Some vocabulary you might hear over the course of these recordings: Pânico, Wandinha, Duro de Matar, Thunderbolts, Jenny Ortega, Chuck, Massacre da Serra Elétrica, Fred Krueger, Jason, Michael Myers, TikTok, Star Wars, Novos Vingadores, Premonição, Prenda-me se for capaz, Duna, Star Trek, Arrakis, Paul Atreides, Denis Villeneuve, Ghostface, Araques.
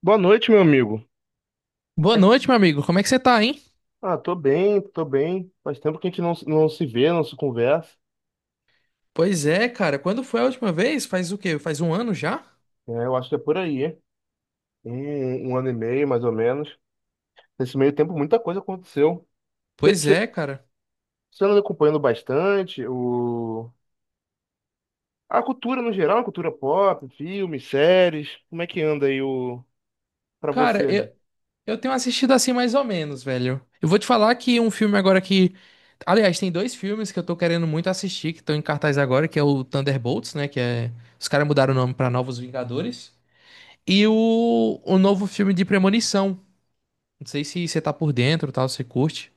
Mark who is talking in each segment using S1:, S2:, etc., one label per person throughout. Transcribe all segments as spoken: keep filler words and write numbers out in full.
S1: Boa noite, meu amigo.
S2: Boa
S1: Mas-
S2: noite, meu amigo. Como é que você tá, hein?
S1: Ah, tô bem, tô bem. Faz tempo que a gente não, se- não se vê, não se conversa.
S2: Pois é, cara. Quando foi a última vez? Faz o quê? Faz um ano já?
S1: É, eu acho que é por aí, hein? Um, um ano e meio, mais ou menos. Nesse meio tempo, muita coisa aconteceu. Você
S2: Pois é, cara.
S1: anda acompanhando bastante o... a cultura no geral, a cultura pop, filmes, séries. Como é que anda aí o... pra
S2: Cara,
S1: você,
S2: eu,
S1: né?
S2: eu tenho assistido assim mais ou menos, velho. Eu vou te falar que um filme agora que. Aliás, tem dois filmes que eu tô querendo muito assistir, que estão em cartaz agora, que é o Thunderbolts, né? Que é. Os caras mudaram o nome pra Novos Vingadores. E o, o novo filme de Premonição. Não sei se você tá por dentro, tal, se você curte.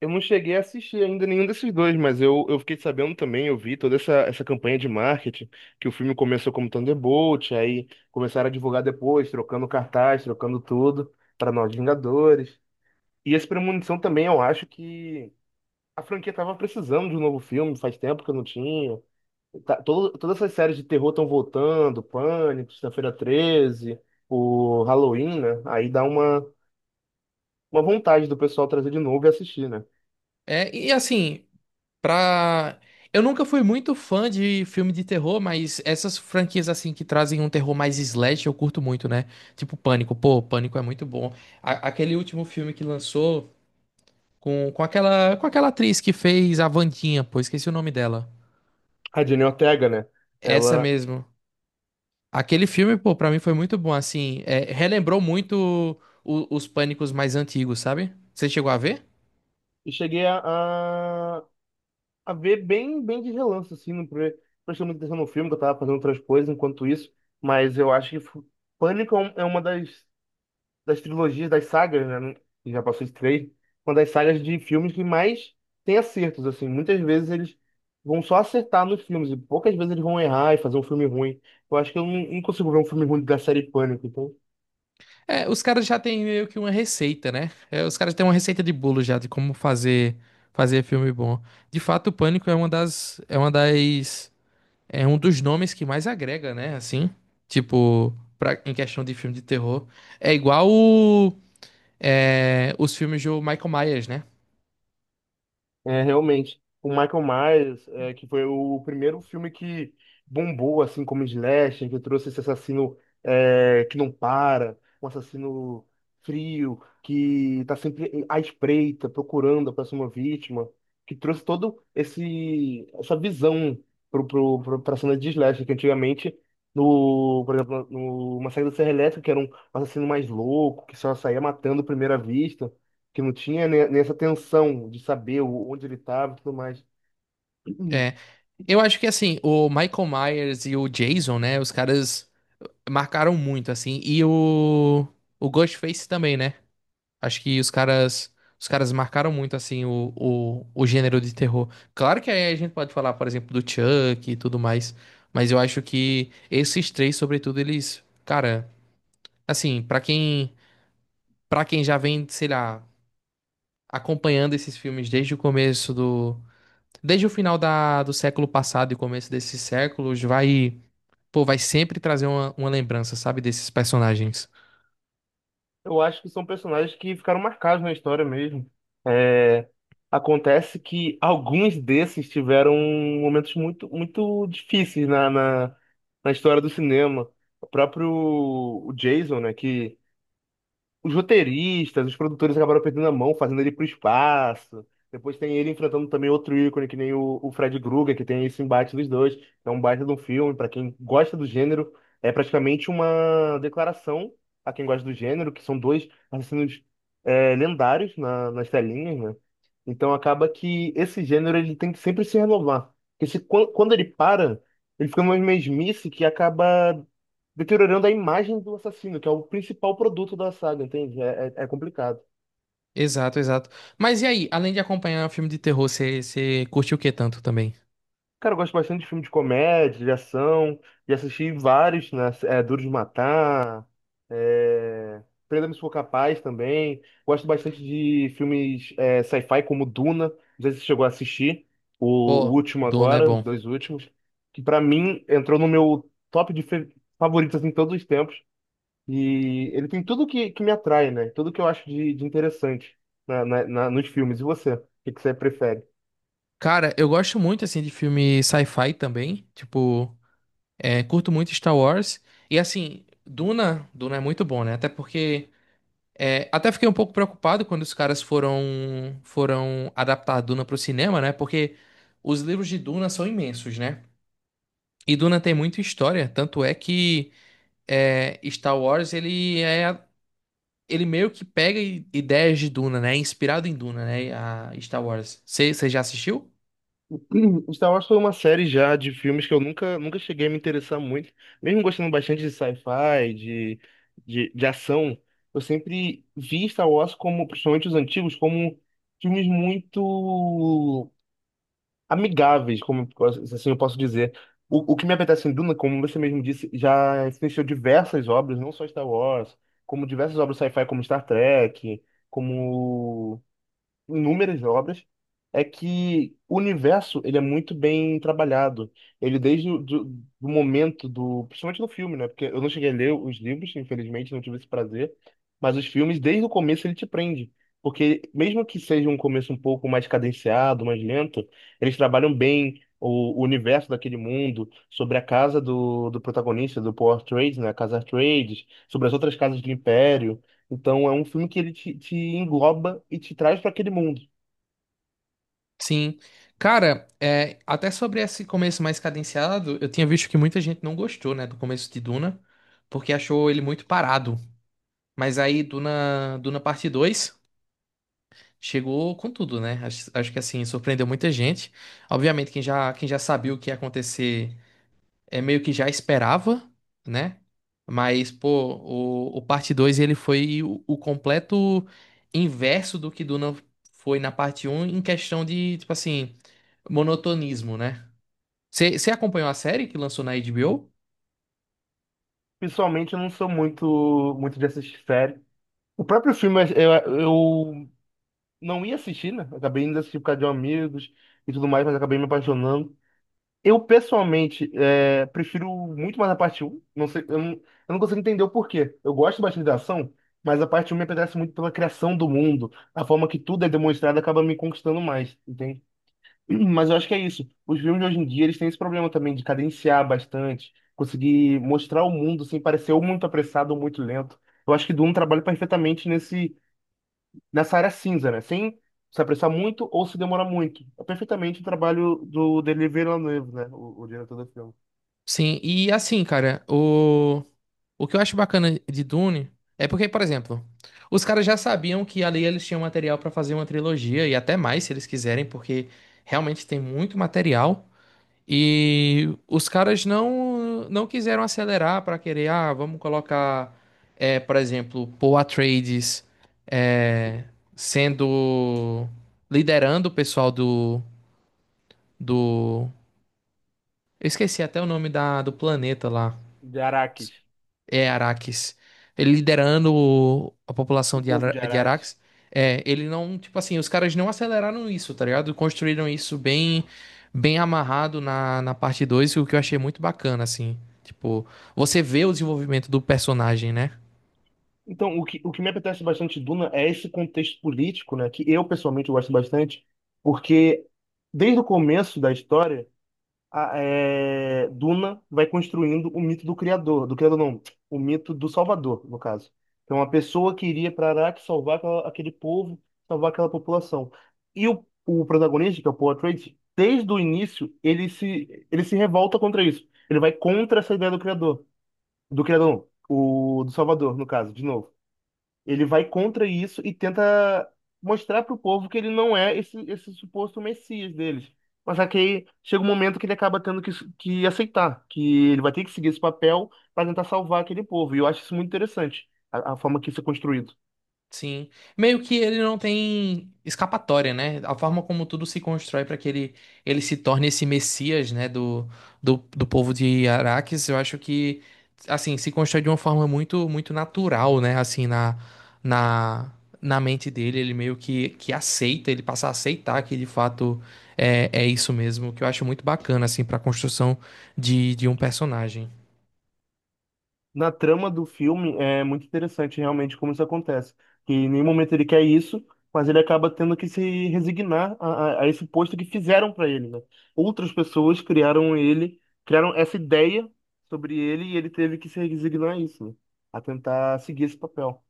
S1: Eu não cheguei a assistir ainda nenhum desses dois, mas eu, eu fiquei sabendo também, eu vi toda essa, essa campanha de marketing, que o filme começou como Thunderbolt, aí começaram a divulgar depois, trocando cartaz, trocando tudo, para Novos Vingadores. E esse Premonição também, eu acho que a franquia tava precisando de um novo filme, faz tempo que eu não tinha. Tá- todo- todas essas séries de terror estão voltando, Pânico, Sexta-feira treze, o Halloween, né? Aí dá uma, uma vontade do pessoal trazer de novo e assistir, né?
S2: É, e assim, Pra... eu nunca fui muito fã de filme de terror, mas essas franquias assim que trazem um terror mais slash eu curto muito, né? Tipo Pânico, pô, Pânico é muito bom. A- aquele último filme que lançou com, com aquela com aquela atriz que fez a Wandinha, pô, esqueci o nome dela.
S1: A Jenny Ortega, né?
S2: Essa
S1: Ela,
S2: mesmo. Aquele filme, pô, pra mim foi muito bom, assim, é, relembrou muito o- os Pânicos mais antigos, sabe? Você chegou a ver?
S1: e cheguei a, a, a ver bem, bem de relance, assim, não pre- prestei muita atenção no filme, que eu tava fazendo outras coisas enquanto isso, mas eu acho que fu- Pânico é um- é uma das, das trilogias, das sagas, né, que já passou de três, uma das sagas de filmes que mais tem acertos, assim, muitas vezes eles vão só acertar nos filmes, e poucas vezes eles vão errar e fazer um filme ruim. Eu acho que eu não, não consigo ver um filme ruim da série Pânico, então
S2: É, os caras já têm meio que uma receita, né? É, os caras têm uma receita de bolo já de como fazer fazer filme bom. De fato, o Pânico é uma das é uma das é um dos nomes que mais agrega, né? Assim, tipo, pra, em questão de filme de terror, é igual o, é, os filmes do Michael Myers, né?
S1: é, realmente. O Michael Myers, é, que foi o primeiro filme que bombou, assim, como slasher, que trouxe esse assassino é, que não para, um assassino frio, que tá sempre à espreita, procurando a próxima vítima, que trouxe todo esse essa visão pro, pro, pro, pra cena de slasher, que antigamente, no, por exemplo, no Massacre da Serra Elétrica, que era um assassino mais louco, que só saía matando à primeira vista, que não tinha né, nessa tensão de saber o- onde ele estava e tudo mais.
S2: É, eu acho que assim, o Michael Myers e o Jason, né? Os caras marcaram muito assim, e o o Ghostface também, né? Acho que os caras, os caras marcaram muito assim o, o, o gênero de terror. Claro que aí a gente pode falar, por exemplo, do Chuck e tudo mais, mas eu acho que esses três, sobretudo, eles, cara, assim, pra quem, para quem já vem, sei lá, acompanhando esses filmes desde o começo do, desde o final da, do século passado e começo desses séculos, vai, pô, vai sempre trazer uma, uma lembrança, sabe, desses personagens.
S1: Eu acho que são personagens que ficaram marcados na história mesmo. É, acontece que alguns desses tiveram momentos muito, muito difíceis na, na, na história do cinema. O próprio o Jason, né, que os roteiristas, os produtores acabaram perdendo a mão, fazendo ele pro espaço. Depois tem ele enfrentando também outro ícone, que nem o, o Fred Krueger, que tem esse embate dos dois. É um baita de um filme, para quem gosta do gênero, é praticamente uma declaração a quem gosta do gênero, que são dois assassinos é, lendários na- nas telinhas, né? Então acaba que esse gênero ele tem que sempre se renovar. Porque se, quan- quando ele para, ele fica numa mesmice que acaba deteriorando a imagem do assassino, que é o principal produto da saga, entende? É, é- é complicado.
S2: Exato, exato. Mas e aí, além de acompanhar o filme de terror, você você curte o que tanto também?
S1: Cara, eu gosto bastante de filme de comédia, de ação, e assisti vários, né? É, Duro de Matar, é... Prenda-me se for capaz também. Gosto bastante de filmes é, sci-fi como Duna. Não sei se você chegou a assistir o, o
S2: Pô,
S1: último
S2: Duna é
S1: agora, os
S2: bom.
S1: dois últimos, que pra mim entrou no meu top de fe- favoritos em todos os tempos. E ele tem tudo que, que me atrai, né? Tudo que eu acho de, de interessante na, na- na- nos filmes. E você? O que, que você prefere?
S2: Cara, eu gosto muito, assim, de filme sci-fi também. Tipo, é, curto muito Star Wars. E, assim, Duna, Duna é muito bom, né? Até porque... é, até fiquei um pouco preocupado quando os caras foram, foram adaptar Duna pro cinema, né? Porque os livros de Duna são imensos, né? E Duna tem muita história. Tanto é que é, Star Wars, ele é... ele meio que pega i- ideias de Duna, né? É inspirado em Duna, né? A Star Wars. Você já assistiu?
S1: Hum, Star Wars foi uma série já de filmes que eu nunca, nunca cheguei a me interessar muito. Mesmo gostando bastante de sci-fi, de, de, de ação, eu sempre vi Star Wars como, principalmente os antigos, como filmes muito amigáveis, como assim eu posso dizer. O, o que me apetece em Duna, como você mesmo disse, já existiu diversas obras, não só Star Wars, como diversas obras sci-fi como Star Trek, como inúmeras obras, é que o universo ele é muito bem trabalhado. Ele desde o do, do momento do, principalmente no filme, né? Porque eu não cheguei a ler os livros, infelizmente, não tive esse prazer, mas os filmes desde o começo ele te prende. Porque mesmo que seja um começo um pouco mais cadenciado, mais lento, eles trabalham bem o, o universo daquele mundo, sobre a casa do, do protagonista, do Paul Atreides, né? A casa Atreides, sobre as outras casas do Império. Então é um filme que ele te, te engloba e te traz para aquele mundo.
S2: Sim. Cara, é, até sobre esse começo mais cadenciado, eu tinha visto que muita gente não gostou, né, do começo de Duna, porque achou ele muito parado. Mas aí Duna, Duna Parte dois chegou com tudo, né? Acho, acho que assim, surpreendeu muita gente. Obviamente, quem já, quem já sabia o que ia acontecer é meio que já esperava, né? Mas, pô, o, o parte Dois ele foi o, o completo inverso do que Duna foi na parte Um em questão de, tipo assim, monotonismo, né? Você acompanhou a série que lançou na H B O?
S1: Pessoalmente, eu não sou muito muito de assistir série. O próprio filme eu, eu não ia assistir, né? Acabei indo assistir por causa de um amigos e tudo mais, mas acabei me apaixonando. Eu, pessoalmente, é, prefiro muito mais a parte um. Não sei, eu não, eu não consigo entender o porquê. Eu gosto bastante da ação, mas a parte um me apetece muito pela criação do mundo. A forma que tudo é demonstrado acaba me conquistando mais, entende? Mas eu acho que é isso. Os filmes de hoje em dia, eles têm esse problema também de cadenciar bastante, conseguir mostrar o mundo sem parecer ou muito apressado ou muito lento. Eu acho que Dune trabalha perfeitamente nesse, nessa área cinza, né? Sem se apressar muito ou se demorar muito. É perfeitamente o trabalho do Denis Villeneuve, né? O, o diretor do filme.
S2: Sim, e assim, cara, o, o que eu acho bacana de Dune é porque, por exemplo, os caras já sabiam que ali eles tinham material pra fazer uma trilogia e até mais se eles quiserem, porque realmente tem muito material. E os caras não não quiseram acelerar para querer, ah, vamos colocar, é, por exemplo, Paul Atreides é, sendo liderando o pessoal do do eu esqueci até o nome da do planeta lá.
S1: De Araques.
S2: É Araques. Ele liderando o- a
S1: O
S2: população de,
S1: povo de
S2: Ara, de
S1: Araques.
S2: Araques. É, ele não, tipo assim, os caras não aceleraram isso, tá ligado? Construíram isso bem bem amarrado na, na parte dois, o que eu achei muito bacana, assim. Tipo, você vê o desenvolvimento do personagem, né?
S1: Então, o que, o que me apetece bastante de Duna é esse contexto político, né? Que eu, pessoalmente, gosto bastante, porque desde o começo da história a- é, Duna vai construindo o mito do criador, do criador não, o mito do salvador, no caso. Então, uma pessoa que iria para Arrakis salvar aquela- aquele povo, salvar aquela população. E o, o protagonista, que é o Paul Atreides, desde o início, ele se, ele se revolta contra isso. Ele vai contra essa ideia do criador, do criador não, o, do salvador, no caso, de novo. Ele vai contra isso e tenta mostrar para o povo que ele não é esse, esse suposto Messias deles. Mas só que aí chega um momento que ele acaba tendo que, que aceitar, que ele vai ter que seguir esse papel para tentar salvar aquele povo. E eu acho isso muito interessante, a, a forma que isso é construído.
S2: Sim. Meio que ele não tem escapatória, né? A forma como tudo se constrói para que ele, ele se torne esse messias, né, do, do, do povo de Araques, eu acho que, assim, se constrói de uma forma muito, muito natural, né? Assim, na, na, na mente dele, ele meio que, que aceita, ele passa a aceitar que de fato é, é isso mesmo, que eu acho muito bacana, assim, para a construção de, de um personagem.
S1: Na trama do filme é muito interessante realmente como isso acontece. Que em nenhum momento ele quer isso, mas ele acaba tendo que se resignar a, a- a esse posto que fizeram para ele, né? Outras pessoas criaram ele, criaram essa ideia sobre ele e ele teve que se resignar a isso, né? A tentar seguir esse papel.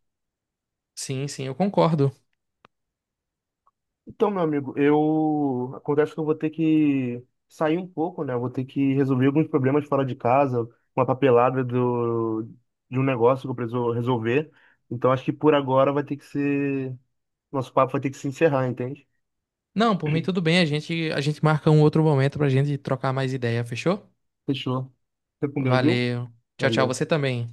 S2: Sim, sim, eu concordo.
S1: Então, meu amigo, eu acontece que eu vou ter que sair um pouco, né? Eu vou ter que resolver alguns problemas fora de casa, uma papelada do... de um negócio que eu preciso resolver. Então, acho que por agora vai ter que ser. Nosso papo vai ter que se encerrar, entende?
S2: Não, por mim tudo bem. A gente, a gente marca um outro momento pra gente trocar mais ideia, fechou?
S1: Fechou. Fica com Deus, viu?
S2: Valeu. Tchau, tchau.
S1: Valeu.
S2: Você também.